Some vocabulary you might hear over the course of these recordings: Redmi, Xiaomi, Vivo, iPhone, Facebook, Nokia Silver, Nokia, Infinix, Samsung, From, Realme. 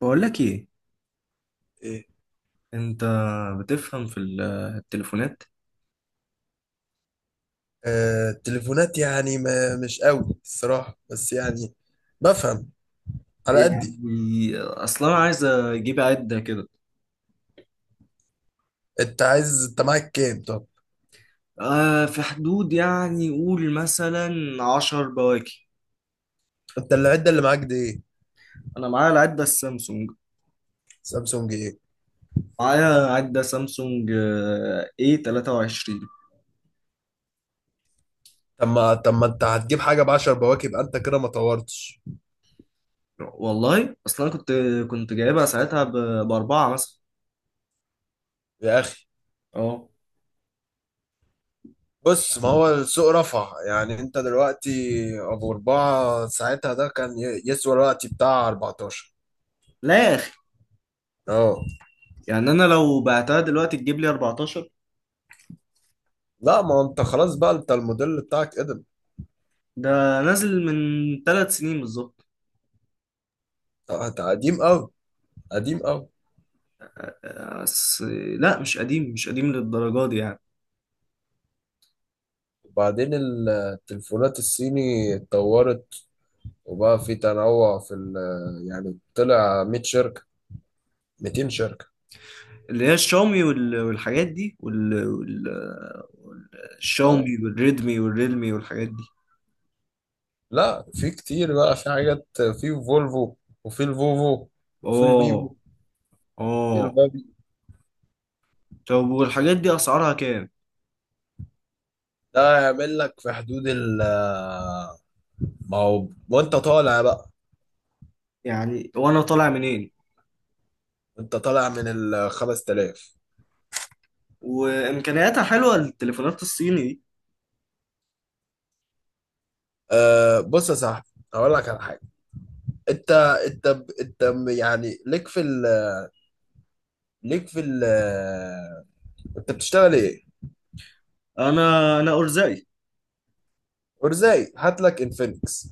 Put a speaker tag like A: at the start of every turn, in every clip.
A: بقول لك ايه،
B: ايه.
A: انت بتفهم في التليفونات؟
B: آه، التليفونات يعني ما مش قوي الصراحة، بس يعني بفهم على قدي.
A: يعني اصلا انا عايز اجيب عدة كده.
B: انت عايز، انت معاك كام؟ طب
A: آه، في حدود يعني قول مثلا 10 بواكي.
B: انت العدة اللي معاك دي ايه؟
A: انا معايا العدة السامسونج،
B: سامسونج ايه؟
A: معايا عدة سامسونج اي 23.
B: طب ما انت هتجيب حاجة بعشر بواكب، انت كده ما طورتش
A: والله اصلا أنا كنت جايبها ساعتها باربعة مثلا.
B: يا اخي.
A: اه.
B: بص، ما هو السوق رفع، يعني انت دلوقتي ابو اربعة ساعتها ده كان يسوى الوقت بتاع 14.
A: لا يا اخي،
B: اه،
A: يعني انا لو بعتها دلوقتي تجيب لي 14.
B: لا ما انت خلاص بقى، انت الموديل بتاعك قدم.
A: ده نازل من 3 سنين بالظبط.
B: انت قديم قوي، قديم قوي.
A: بس لا، مش قديم، مش قديم للدرجة دي يعني.
B: وبعدين التليفونات الصيني اتطورت وبقى في تنوع في ال يعني طلع 100 شركة، 200 شركة.
A: اللي هي الشاومي والحاجات دي
B: اه،
A: والشاومي والريدمي والريلمي والحاجات دي.
B: لا في كتير بقى، في حاجات، في فولفو، وفي الفوفو، وفي الفيفو،
A: اه.
B: في
A: اه.
B: البابي.
A: طب والحاجات دي اسعارها كام؟
B: ده يعمل لك في حدود ما هو وانت طالع بقى.
A: يعني وانا طالع منين؟
B: انت طالع من ال 5000.
A: وامكانياتها حلوة التليفونات الصيني دي.
B: أه، بص يا صاحبي، هقول لك على حاجة. انت انت انت يعني ليك في ال ليك في ال انت بتشتغل ايه؟
A: انا ارزقي.
B: ورزاي هات لك انفينكس.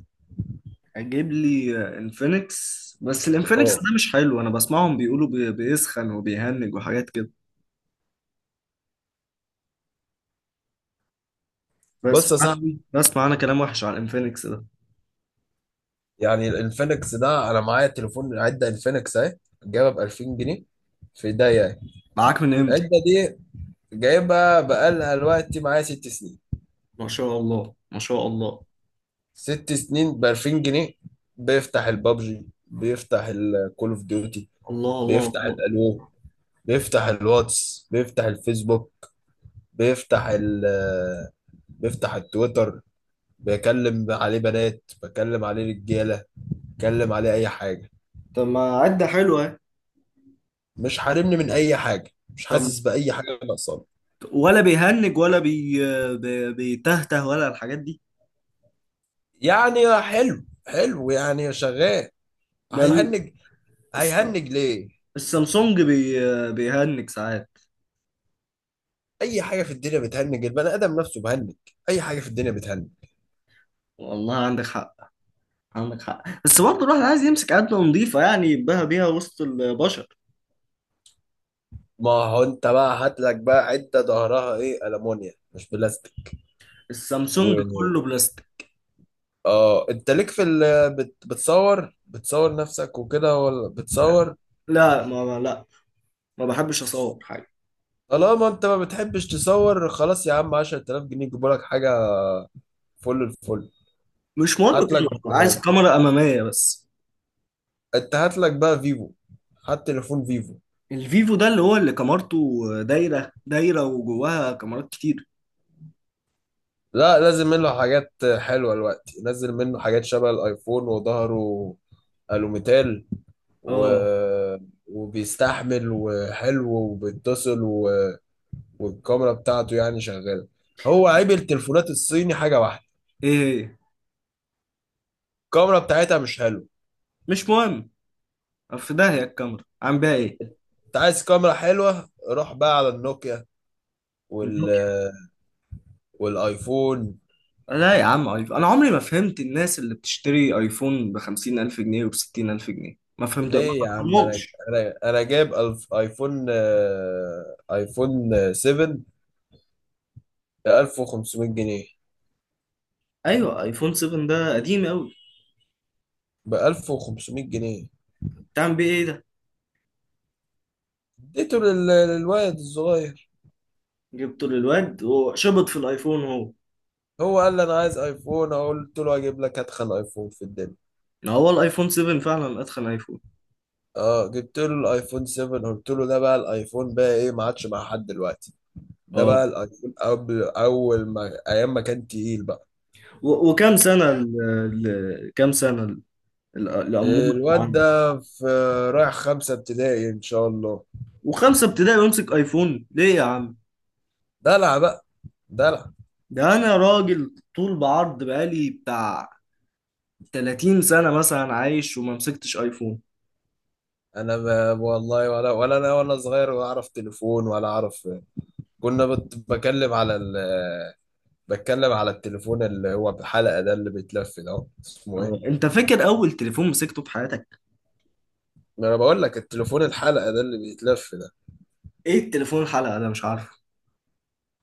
A: اجيب لي انفينكس، بس الانفينكس
B: اه،
A: ده مش حلو، انا بسمعهم بيقولوا بيسخن وبيهنج وحاجات كده.
B: بص
A: بس.
B: يا صاحبي،
A: بسمع انا كلام وحش على الانفينكس ده.
B: يعني الانفينكس ده انا معايا تليفون عده انفينكس اهي، جايبها ب 2000 جنيه، في ايديا يعني.
A: معاك من امتى؟
B: العده دي جايبها بقالها دلوقتي معايا ست سنين.
A: ما شاء الله، ما شاء الله.
B: ست سنين ب 2000 جنيه، بيفتح البابجي، بيفتح الكول اوف ديوتي،
A: الله، الله،
B: بيفتح
A: الله.
B: الالو، بيفتح الواتس، بيفتح الفيسبوك، بيفتح ال بيفتح التويتر، بيكلم عليه بنات، بكلم عليه رجاله، بكلم عليه اي حاجه.
A: طب ما عدة حلوة اهي.
B: مش حارمني من اي حاجه، مش
A: طب،
B: حاسس باي حاجه ناقصاني.
A: ولا بيهنج ولا بيتهته ولا الحاجات دي؟
B: يعني حلو حلو، يعني شغال.
A: ده
B: هيهنج؟
A: الس-
B: هيهنج ليه؟
A: السامسونج بيهنج ساعات.
B: اي حاجه في الدنيا بتهنج، البني ادم نفسه بهنج، اي حاجه في الدنيا بتهنج.
A: والله عندك حق، عندك حق، بس برضه الواحد عايز يمسك عدة نظيفة يعني، يبقى بيها وسط البشر.
B: ما هو انت بقى هات لك بقى عده ظهرها ايه، المونيا مش بلاستيك.
A: السامسونج
B: و
A: كله بلاستيك.
B: اه، انت ليك بت... بتصور بتصور نفسك وكده، ولا بتصور؟
A: لا، ما بحبش اصور حاجة.
B: طالما انت ما بتحبش تصور، خلاص يا عم، 10,000 جنيه يجيبوا لك حاجه فل الفل.
A: مش مهم
B: هات لك
A: كده، عايز كاميرا أمامية بس.
B: انت هات لك بقى فيفو، هات تليفون فيفو.
A: الفيفو ده اللي هو اللي كاميرته دايرة دايرة وجواها كاميرات كتير.
B: لا، لازم منه حاجات حلوة، الوقت نزل منه حاجات شبه الايفون، وظهره الوميتال، و...
A: اه.
B: وبيستحمل، وحلو، وبيتصل، والكاميرا بتاعته يعني شغالة. هو عيب التليفونات الصيني حاجة واحدة،
A: ايه هي؟
B: الكاميرا بتاعتها مش حلوة.
A: مش مهم، في داهية الكاميرا، عم بيها ايه؟
B: انت عايز كاميرا حلوة روح بقى على النوكيا، وال...
A: النوكيا.
B: والايفون.
A: لا يا عم، آيفون. انا عمري ما فهمت الناس اللي بتشتري ايفون بخمسين الف جنيه وبستين الف جنيه، ما فهمت، ما
B: ليه يا عم؟ انا
A: فهمهمش.
B: انا انا جايب ألف ايفون، ايفون 7 ب 1500 جنيه،
A: ايوه، ايفون 7 ده قديم قوي.
B: ب 1500 جنيه.
A: تعمل بيه ايه ده؟
B: اديته للواد الصغير.
A: جبته للواد وشبط في الايفون هو.
B: هو قال لي انا عايز ايفون، قلت له اجيب لك اتخن ايفون في الدنيا.
A: ما هو الايفون 7 فعلا اتخن ايفون.
B: اه، جبت له الايفون 7، قلت له ده بقى الايفون، بقى ايه، ما عادش مع حد دلوقتي. ده
A: اه.
B: بقى الايفون قبل، اول ما ايام ما كان تقيل بقى.
A: وكام سنة الأمور اللي
B: الواد
A: عنده؟
B: ده رايح خمسة ابتدائي ان شاء الله.
A: وخمسة ابتدائي وامسك ايفون ليه يا عم؟
B: دلع بقى، دلع.
A: ده انا راجل طول بعرض بقالي بتاع 30 سنة مثلا عايش وما مسكتش ايفون.
B: انا، ما والله، ولا انا وانا صغير ولا اعرف تليفون ولا اعرف. كنا بت... بكلم على ال... بتكلم على التليفون اللي هو بحلقة ده، اللي بيتلف ده، اسمه ايه؟
A: اه، انت فاكر اول تليفون مسكته في حياتك؟
B: ما انا بقول لك التليفون الحلقة ده، اللي بيتلف ده.
A: ايه التليفون الحلقة ده؟ مش عارفه.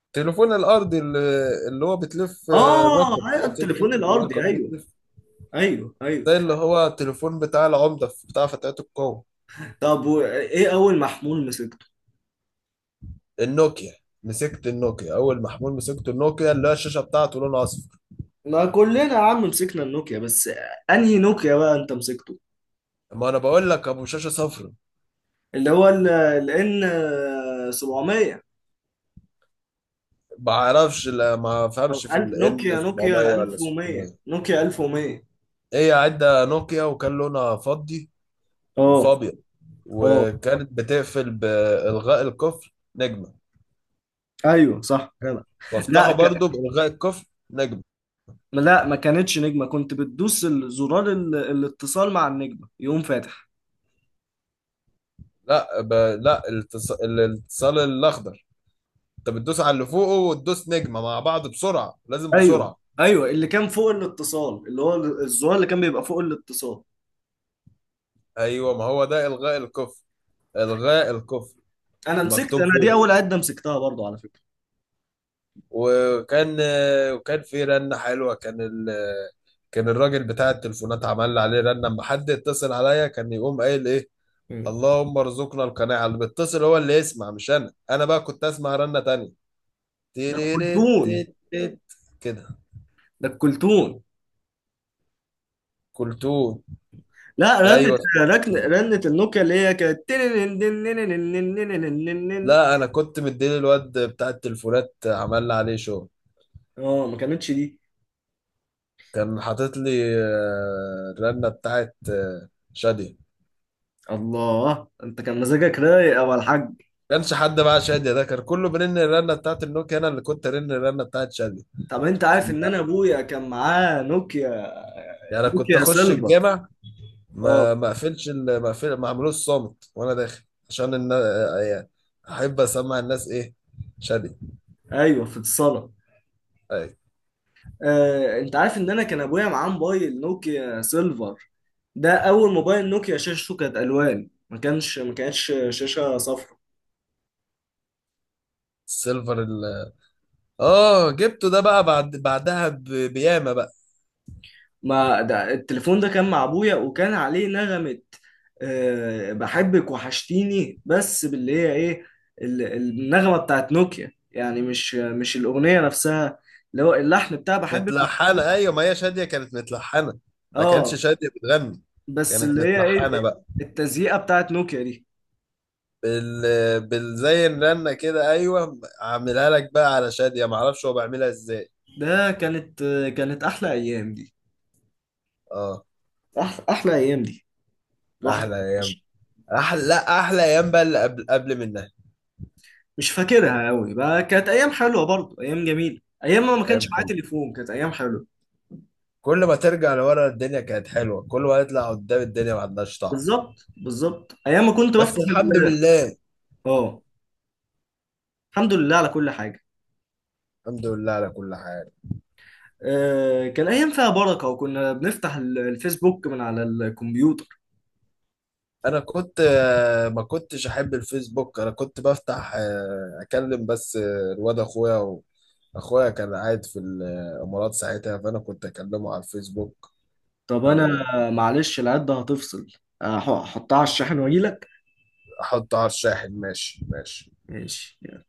B: التليفون الارضي اللي هو بتلف الرقم،
A: اه، ايوه، التليفون
B: بتطلب
A: الارضي،
B: الرقم،
A: ايوه،
B: بتلف.
A: ايوه، ايوه.
B: ده اللي هو التليفون بتاع العمدة، بتاع فتيات القوة.
A: طب وايه اول محمول مسكته؟
B: النوكيا، مسكت النوكيا، اول محمول مسكت النوكيا، اللي هي الشاشة بتاعته لونها اصفر.
A: ما كلنا يا عم مسكنا النوكيا، بس انهي نوكيا بقى انت مسكته؟
B: ما انا بقول لك ابو شاشة صفرا.
A: اللي هو الان 700،
B: بعرفش، لا ما
A: او
B: فهمش في ال N
A: نوكيا
B: 700 ولا
A: 1100،
B: 600.
A: نوكيا 1100.
B: هي عدة نوكيا وكان لونها فضي
A: اه.
B: وفابيض،
A: اه.
B: وكانت بتقفل بإلغاء القفل نجمة،
A: ايوه، صح جدع. لا،
B: وافتحه برضو بإلغاء القفل نجمة.
A: ما كانتش نجمه، كنت بتدوس زرار الاتصال مع النجمه يقوم فاتح.
B: لا الاتصال الأخضر، انت بتدوس على اللي فوقه وتدوس نجمة مع بعض بسرعة، لازم
A: ايوه،
B: بسرعة.
A: ايوه، اللي كان فوق الاتصال، اللي هو الزرار اللي كان بيبقى فوق الاتصال.
B: ايوه، ما هو ده إلغاء القفل، إلغاء القفل
A: انا مسكت،
B: مكتوب
A: انا دي
B: فوق.
A: اول عده مسكتها برضو على فكره.
B: وكان وكان في رنة حلوة، كان الراجل بتاع التليفونات عمل لي عليه رنة، اما حد يتصل عليا كان يقوم قايل ايه،
A: مم.
B: اللهم ارزقنا القناعة. اللي بيتصل هو اللي يسمع، مش انا، انا بقى كنت اسمع رنة تانية.
A: ده
B: تيريريت
A: الكلتون،
B: تيت تيت. كده.
A: ده الكلتون.
B: كلتوه.
A: لا، رنت.
B: ايوه، اسمه
A: ركن
B: كلثوم.
A: رنت النوكيا اللي هي كانت تننننننننننننننننن.
B: لا، انا كنت مديني الواد بتاع التليفونات عمل لي عليه شغل،
A: اه، ما كانتش دي.
B: كان حاطط لي الرنة بتاعت شادية.
A: الله، انت كان مزاجك رايق يا أبو الحاج.
B: كانش حد معاه شادية، ده كان كله بيرن الرنة بتاعت النوكيا، انا اللي كنت ارن الرنة بتاعت شادية.
A: طب انت
B: في
A: عارف
B: ال-
A: ان انا ابويا كان معاه نوكيا،
B: يعني انا كنت
A: نوكيا
B: اخش
A: سيلفر.
B: الجامع ما
A: اه،
B: ما اقفلش ال- ما اقفل ما اعملوش صامت وانا داخل، عشان ان يعني احب اسمع الناس ايه، شادية.
A: ايوه، في الصاله.
B: اي.
A: انت عارف ان انا كان ابويا معاه موبايل نوكيا سيلفر؟ ده اول موبايل نوكيا شاشته كانت الوان، ما كانتش شاشه صفراء.
B: السيلفر ال... اه، جبته ده بقى بعد، بياما بقى.
A: ما ده التليفون ده كان مع ابويا وكان عليه نغمه، بحبك وحشتيني، بس باللي هي ايه؟ النغمه بتاعت نوكيا يعني، مش الاغنيه نفسها، اللي هو اللحن بتاع بحبك
B: متلحنة،
A: وحشتيني.
B: ايوه، ما هي شادية كانت متلحنة، ما كانتش
A: اه.
B: شادية بتغني،
A: بس
B: كانت
A: اللي هي
B: متلحنة
A: ايه؟
B: بقى.
A: التزييقه بتاعت نوكيا دي.
B: بال... زي الرنة كده، ايوه، عاملها لك بقى على شادية، معرفش هو بيعملها ازاي.
A: ده كانت احلى ايام دي.
B: اه.
A: احلى ايام دي. الواحد
B: احلى
A: كان
B: ايام.
A: وحش.
B: احلى، لا احلى ايام بقى اللي قبل منها.
A: مش فاكرها قوي بقى، كانت ايام حلوه برضه، ايام جميله، ايام ما
B: ايام
A: كانش معايا
B: حلوه،
A: تليفون، كانت ايام حلوه.
B: كل ما ترجع لورا الدنيا كانت حلوه، كل ما يطلع قدام الدنيا ما عندهاش طعم.
A: بالظبط، بالظبط، ايام ما كنت
B: بس
A: بفتح
B: الحمد
A: ال-
B: لله.
A: اه. الحمد لله على كل حاجه.
B: الحمد لله على كل حال.
A: آه، كان ايام فيها بركه، وكنا بنفتح الفيسبوك من على الكمبيوتر.
B: انا كنت، ما كنتش احب الفيسبوك، انا كنت بفتح آه، اكلم بس الواد اخويا، اخويا كان قاعد في الامارات ساعتها، فانا كنت اكلمه على الفيسبوك.
A: طب انا،
B: او
A: معلش العده هتفصل، احطها على الشاحن واجي لك.
B: احطه على الشاحن، ماشي ماشي.
A: ماشي.